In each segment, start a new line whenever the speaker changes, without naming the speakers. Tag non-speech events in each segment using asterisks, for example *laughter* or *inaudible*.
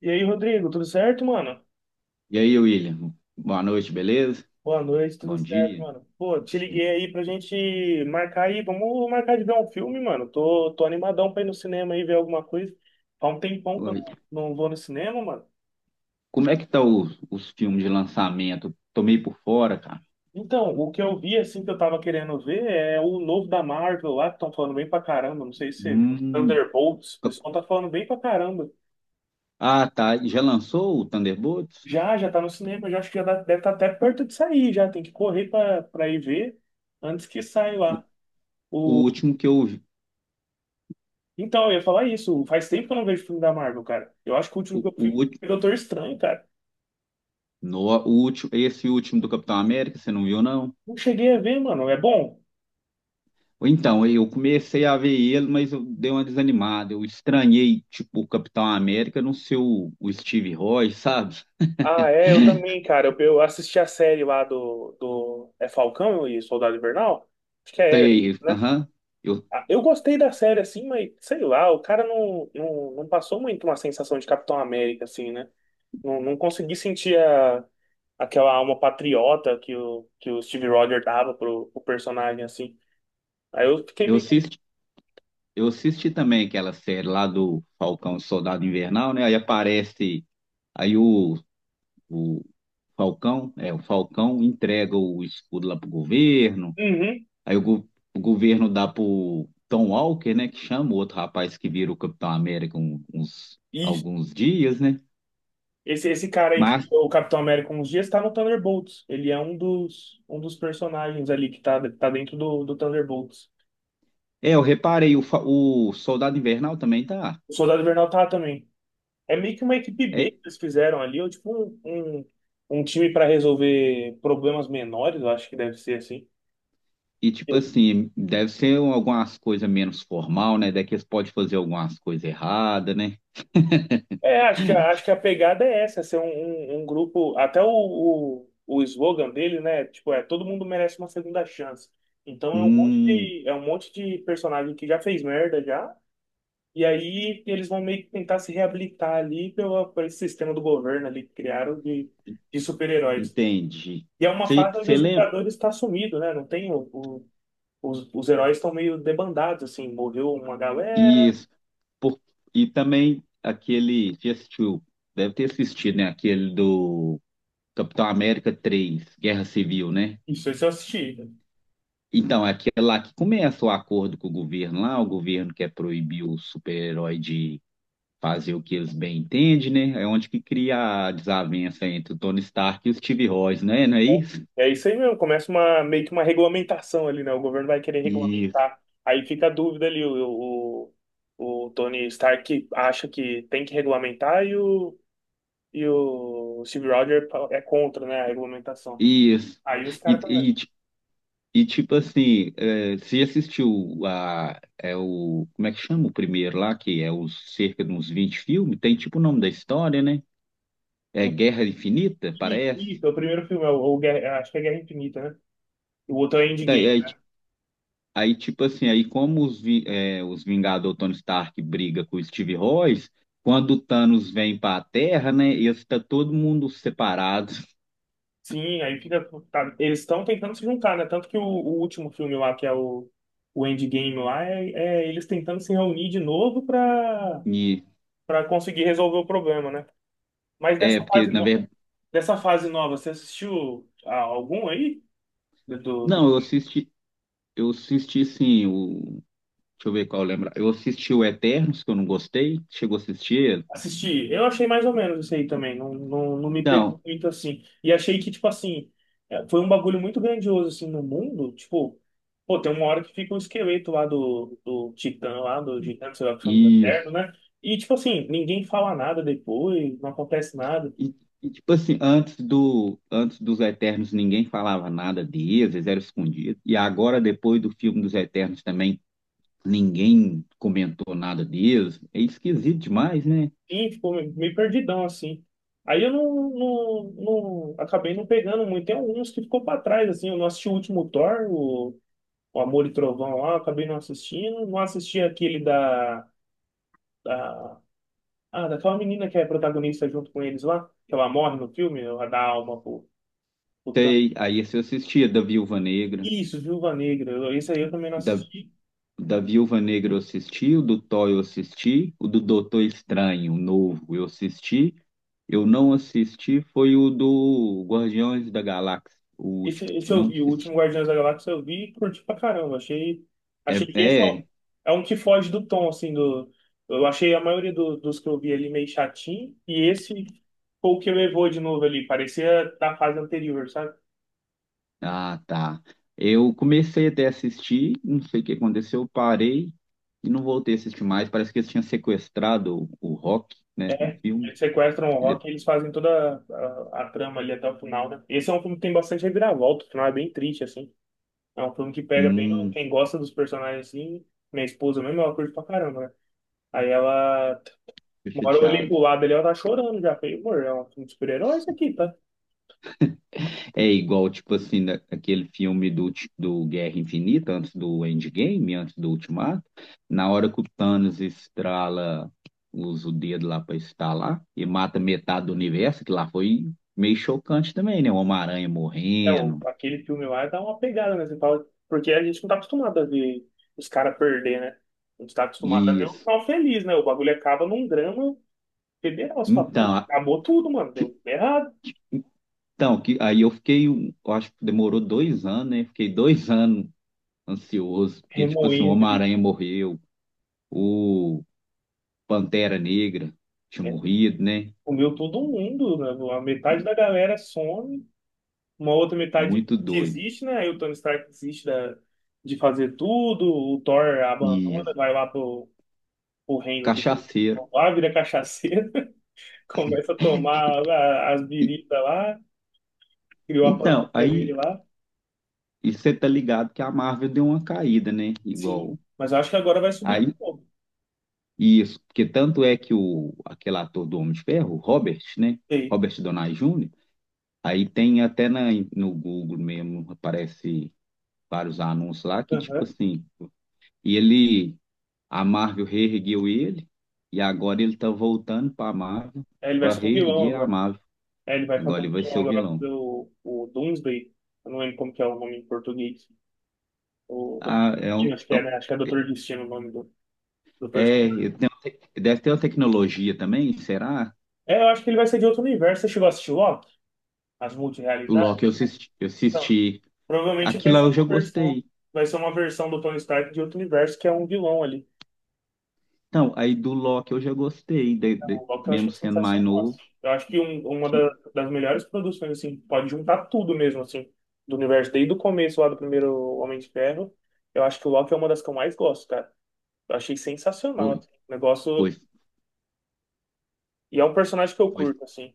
E aí, Rodrigo, tudo certo, mano?
E aí, William? Boa noite, beleza?
Boa noite, tudo
Bom
certo,
dia.
mano? Pô, te liguei aí pra gente marcar aí, vamos marcar de ver um filme, mano. Tô animadão pra ir no cinema aí ver alguma coisa. Faz um tempão que eu
Oi.
não, não vou no cinema, mano.
Como é que tá os filmes de lançamento? Tô meio por fora, cara.
Então, o que eu vi, assim, que eu tava querendo ver é o novo da Marvel lá, que estão falando bem pra caramba. Não sei se você viu.
Hum.
Thunderbolts, o pessoal tá falando bem pra caramba.
Ah, tá. Já lançou o Thunderbolts?
Já tá no cinema, já acho que já deve estar até perto de sair, já. Tem que correr pra ir ver antes que saia
O,
lá.
o último que eu vi.
Então, eu ia falar isso. Faz tempo que eu não vejo filme da Marvel, cara. Eu acho que o último que eu
O,
vi
ulti-
foi Doutor Estranho, cara.
no, o último, esse último do Capitão América, você não viu, não?
Não cheguei a ver, mano. É bom?
Então, eu comecei a ver ele, mas eu dei uma desanimada. Eu estranhei, tipo, o Capitão América não ser o Steve Rogers, sabe?
Ah, é, eu também, cara. Eu assisti a série lá do. É Falcão e Soldado Invernal? Acho que é isso,
Sei,
né?
aham. Eu,
Ah, eu gostei da série, assim, mas sei lá, o cara não passou muito uma sensação de Capitão América, assim, né? Não consegui sentir a, aquela alma patriota que o Steve Rogers dava pro personagem, assim. Aí eu fiquei
eu
meio.
assisti Eu assisti também aquela série lá do Falcão e Soldado Invernal, né? Aí aparece, aí o, o Falcão, é, o Falcão entrega o escudo lá pro governo,
Uhum.
aí o, go- o governo dá pro Tom Walker, né? Que chama o outro rapaz que vira o Capitão América uns, alguns dias, né?
Esse cara aí, que
Mas,
virou o Capitão América uns dias, tá no Thunderbolts. Ele é um dos personagens ali que tá dentro do Thunderbolts.
é, eu reparei, o Soldado Invernal também tá.
O Soldado Invernal tá também. É meio que uma equipe B
É,
que eles fizeram ali, ou tipo um, um time pra resolver problemas menores, eu acho que deve ser assim.
e tipo assim, deve ser algumas coisas menos formal, né? Daqui eles podem fazer algumas coisas erradas, né?
É, acho que a pegada é essa, ser um grupo. Até o slogan dele, né? Tipo, é todo mundo merece uma segunda chance. Então é
Hum.
é um monte de personagem que já fez merda já. E aí eles vão meio que tentar se reabilitar ali por esse sistema do governo ali que criaram de super-heróis.
Entendi.
E é uma
Você
fase onde os
lembra?
Vingadores estão sumidos, né? Não tem os heróis estão meio debandados, assim, morreu uma galera.
Isso. Por- e também aquele. Você assistiu? Deve ter assistido, né? Aquele do Capitão América 3 Guerra Civil, né?
Isso eu assisti, né?
Então, é aquele lá que começa o acordo com o governo lá. O governo quer proibir o super-herói de fazer o que eles bem entendem, né? É onde que cria a desavença entre o Tony Stark e o Steve Rogers, né? Não é isso?
É isso aí mesmo, começa uma, meio que uma regulamentação ali, né? O governo vai querer
Isso.
regulamentar. Aí fica a dúvida ali, o Tony Stark acha que tem que regulamentar e o Steve Rogers é contra, né, a regulamentação.
Isso.
Aí os caras também.
E, e tipo assim, é, você assistiu a, é o, como é que chama o primeiro lá, que é os cerca de uns 20 filmes, tem tipo o nome da história, né? É
O
Guerra Infinita,
que.
parece.
O primeiro filme, é acho que é Guerra Infinita, né? O outro é Endgame,
Aí,
né?
aí, tipo assim, aí como os, é, os Vingadores, o Tony Stark briga com o Steve Rogers, quando o Thanos vem para a Terra, né, e está todo mundo separado.
Sim, aí fica. Tá, eles estão tentando se juntar, né? Tanto que o último filme lá, que é o Endgame lá, é, é eles tentando se reunir de novo pra,
E,
pra conseguir resolver o problema, né? Mas
é,
dessa
porque
fase,
na verdade,
dessa fase nova, você assistiu algum aí? Do.
não, eu assisti sim. Deixa eu ver qual eu lembro. Eu assisti o Eternos, que eu não gostei. Chegou a assistir ele?
Assisti. Eu achei mais ou menos isso aí também. Não me pegou
Não,
muito assim. E achei que, tipo assim, é, foi um bagulho muito grandioso, assim, no mundo. Tipo, pô, tem uma hora que fica o esqueleto lá do Titã, lá do gigante, sei lá, que chama do
e,
Eterno, né? E, tipo assim, ninguém fala nada depois, não acontece nada.
e- tipo assim, antes do, antes dos Eternos ninguém falava nada deles, eles eram escondidos. E agora, depois do filme dos Eternos também, ninguém comentou nada deles. É esquisito demais, né?
E ficou meio meio perdidão, assim. Aí eu acabei não pegando muito. Tem alguns que ficou pra trás, assim. Eu não assisti o último Thor, o Amor e Trovão lá, eu acabei não assistindo. Não assisti aquele da. Da, ah, daquela menina que é protagonista junto com eles lá, que ela morre no filme, ela dá alma pro Thanos.
Sei, aí você assistia da Viúva Negra.
Isso, Viúva Negra. Eu- esse aí eu também não
da
assisti.
Da Viúva Negra eu assisti, o do Thor eu assisti, o do Doutor Estranho, o novo, eu assisti. Eu não assisti, foi o do Guardiões da Galáxia, o
Esse,
último,
esse
eu
eu
não
vi, o
assisti.
último Guardiões da Galáxia eu vi e curti pra caramba.
É,
Achei que esse é
é?
é um que foge do tom, assim, do. Eu achei a maioria dos que eu vi ali meio chatinho, e esse foi o que levou de novo ali. Parecia da fase anterior, sabe?
Ah, tá. Eu comecei até a assistir, não sei o que aconteceu, eu parei e não voltei a assistir mais. Parece que eles tinham sequestrado o Rock, né, no
É,
filme.
eles sequestram o
E de-
Rock e eles fazem toda a trama ali até o final, né? Esse é um filme que tem bastante reviravolta, o final é bem triste, assim. É um filme que pega bem
Hum,
quem gosta dos personagens, assim. Minha esposa mesmo, ela curte pra caramba, né? Aí ela,
tô
uma hora eu olhei
chateado.
pro lado ali, ela tá chorando já. Falei, amor, é um filme de super-herói isso aqui, tá?
É igual, tipo assim, aquele filme do, do Guerra Infinita, antes do Endgame, antes do Ultimato, na hora que o Thanos estrala, usa o dedo lá pra estalar e mata metade do universo, que lá foi meio chocante também, né? O Homem-Aranha
É,
morrendo,
aquele filme lá dá uma pegada, né? Você fala, porque a gente não tá acostumado a ver os caras perder, né? A gente tá acostumado a ver o
isso.
final feliz, né? O bagulho acaba num drama federal. Você fala, pô,
Então, a-
acabou tudo, mano.
fi-
Deu errado.
então que, aí eu fiquei, eu acho que demorou dois anos, né? Fiquei dois *laughs* anos ansioso, porque, tipo assim, o
Remoendo ali,
Homem-Aranha morreu, o Pantera Negra tinha
né?
morrido, né?
Comeu todo mundo, né? A metade da galera some, uma outra metade
Muito
que
doido.
existe né? Aí o Tony Stark desiste da, de fazer tudo, o Thor
E
abandona, vai lá pro, pro reino de
cachaceiro.
lá, vira cachaceiro, *laughs* começa a tomar as
E-
biritas lá, criou a
então,
panquinha dele
aí
lá.
e você tá ligado que a Marvel deu uma caída, né?
Sim,
Igual.
mas eu acho que agora vai subir de
Aí,
novo.
isso, porque tanto é que o, aquele ator do Homem de Ferro, o Robert, né?
Ei,
Robert Downey Jr., aí tem até na, no Google mesmo, aparece vários anúncios lá que, tipo
aham.
assim, e ele, a Marvel reergueu ele, e agora ele tá voltando pra Marvel,
Aí ele vai
pra
ser o vilão
reerguer a
agora.
Marvel.
Aí ele vai
Agora
fazer
ele
um
vai
vilão,
ser o
agora vai
vilão.
fazer o Doomsday. Eu não lembro como que é o nome em português. O
Ah, é um,
Destino, acho que
é
é,
um.
né? Acho que é Doutor Destino o nome do
É,
personagem.
deve ter uma tecnologia também, será?
É, eu acho que ele vai ser de outro universo. Você chegou a assistir Loki? As
O
multirrealidades
Loki eu assisti, eu
então.
assisti.
Provavelmente vai
Aquilo lá
ser
eu já
uma versão.
gostei.
Vai ser uma versão do Tony Stark de outro universo que é um vilão ali.
Então, aí do Loki eu já gostei,
O Loki eu
mesmo
achei
sendo mais
sensacional,
novo.
assim. Eu acho que um- uma
Tipo,
da- das melhores produções, assim, pode juntar tudo mesmo, assim, do universo, desde o começo lá do primeiro Homem de Ferro. Eu acho que o Loki é uma das que eu mais gosto, cara. Eu achei sensacional,
foi,
assim, o
foi,
negócio. E é um personagem que eu
foi.
curto, assim.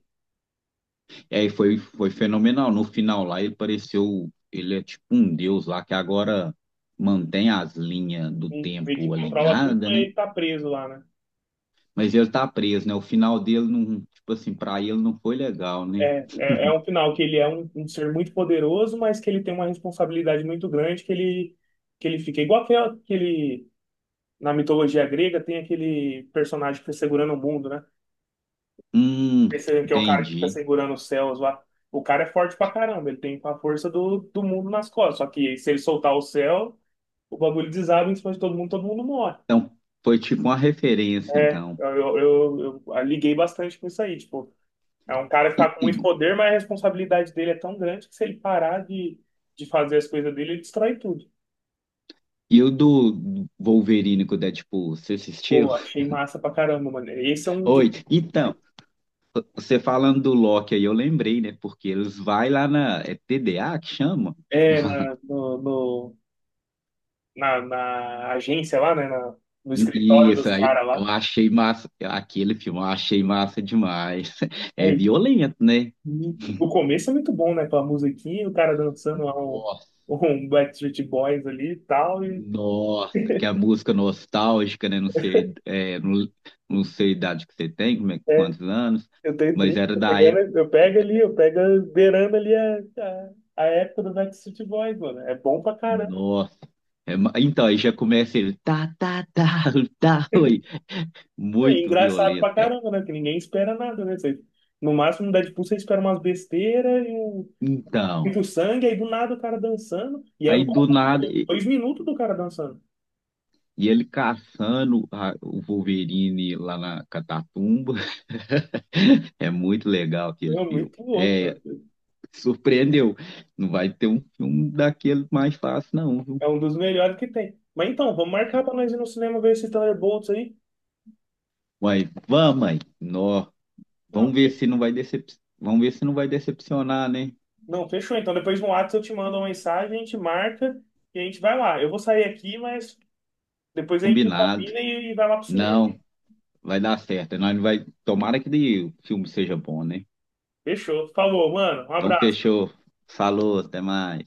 É, foi fenomenal. No final lá ele pareceu, ele é tipo um deus lá que agora mantém as linhas do
Sim, meio que
tempo
controla tudo,
alinhada,
mas
né?
ele tá preso lá, né?
Mas ele tá preso, né? O final dele não, tipo assim, pra ele não foi legal, né?
É um final que ele é um ser muito poderoso, mas que ele tem uma responsabilidade muito grande, que ele fica igual aquele, na mitologia grega, tem aquele personagem que fica segurando o mundo, né?
Hum,
Percebendo que é o cara que fica
entendi.
segurando os céus lá. O cara é forte pra caramba, ele tem a força do mundo nas costas. Só que se ele soltar o céu, o bagulho desaba em cima de todo mundo morre.
Então, foi tipo uma referência,
É,
então.
eu liguei bastante com isso aí, tipo. É um cara que tá
E,
com
e,
muito poder, mas a responsabilidade dele é tão grande que se ele parar de fazer as coisas dele, ele destrói tudo.
e o do Wolverine com o Deadpool, você assistiu?
Pô, achei massa pra caramba, mano. Esse é um de.
Oi, então, você falando do Loki aí, eu lembrei, né? Porque eles vai lá na. É TDA que chama?
É, na, no, no- na, na agência lá, né? No escritório
Isso
dos
aí,
caras
eu
lá.
achei massa. Aquele filme, eu achei massa demais. *laughs* É
É,
violento, né?
e o começo é muito bom, né? Com a musiquinha, o cara dançando lá
Nossa,
um Backstreet Boys ali e tal. E
nossa, que a música nostálgica, né? Não sei, não sei a idade que você tem, como é,
é,
quantos anos,
eu tenho
mas
30,
era da.
eu pego ali, eu pego beirando ali a época do Backstreet Boys, mano. É bom pra caramba.
Nossa. É, então, aí já começa ele, tá, tá, tá, *laughs* tá, oi.
É
Muito
engraçado
violento.
pra
É,
caramba, né? Que ninguém espera nada, né? Você- no máximo, no Deadpool, você espera umas besteiras e
então,
muito sangue, aí do nada o cara dançando. E é
aí
louco,
do
né?
nada,
*laughs* 2 minutos do cara dançando.
e ele caçando o Wolverine lá na Catatumba. *laughs* É muito legal aquele
É
filme.
muito louco, cara.
É, surpreendeu. Não vai ter um filme daquele mais fácil, não, viu?
É um dos melhores que tem. Mas então, vamos marcar pra nós ir no cinema ver esse Thunderbolts aí?
Mas vamos, mãe. Nó.
Não,
Vamos ver
fe-
se não vai decep... Vamos ver se não vai decepcionar, né?
não, fechou. Então, depois no WhatsApp eu te mando uma mensagem, a gente marca e a gente vai lá. Eu vou sair aqui, mas depois a gente
Combinado.
combina e vai lá pro cinema.
Não. Vai dar certo. Nós não vai... Tomara que o filme seja bom, né?
Fechou. Falou, mano. Um
Então,
abraço.
fechou. Falou, até mais.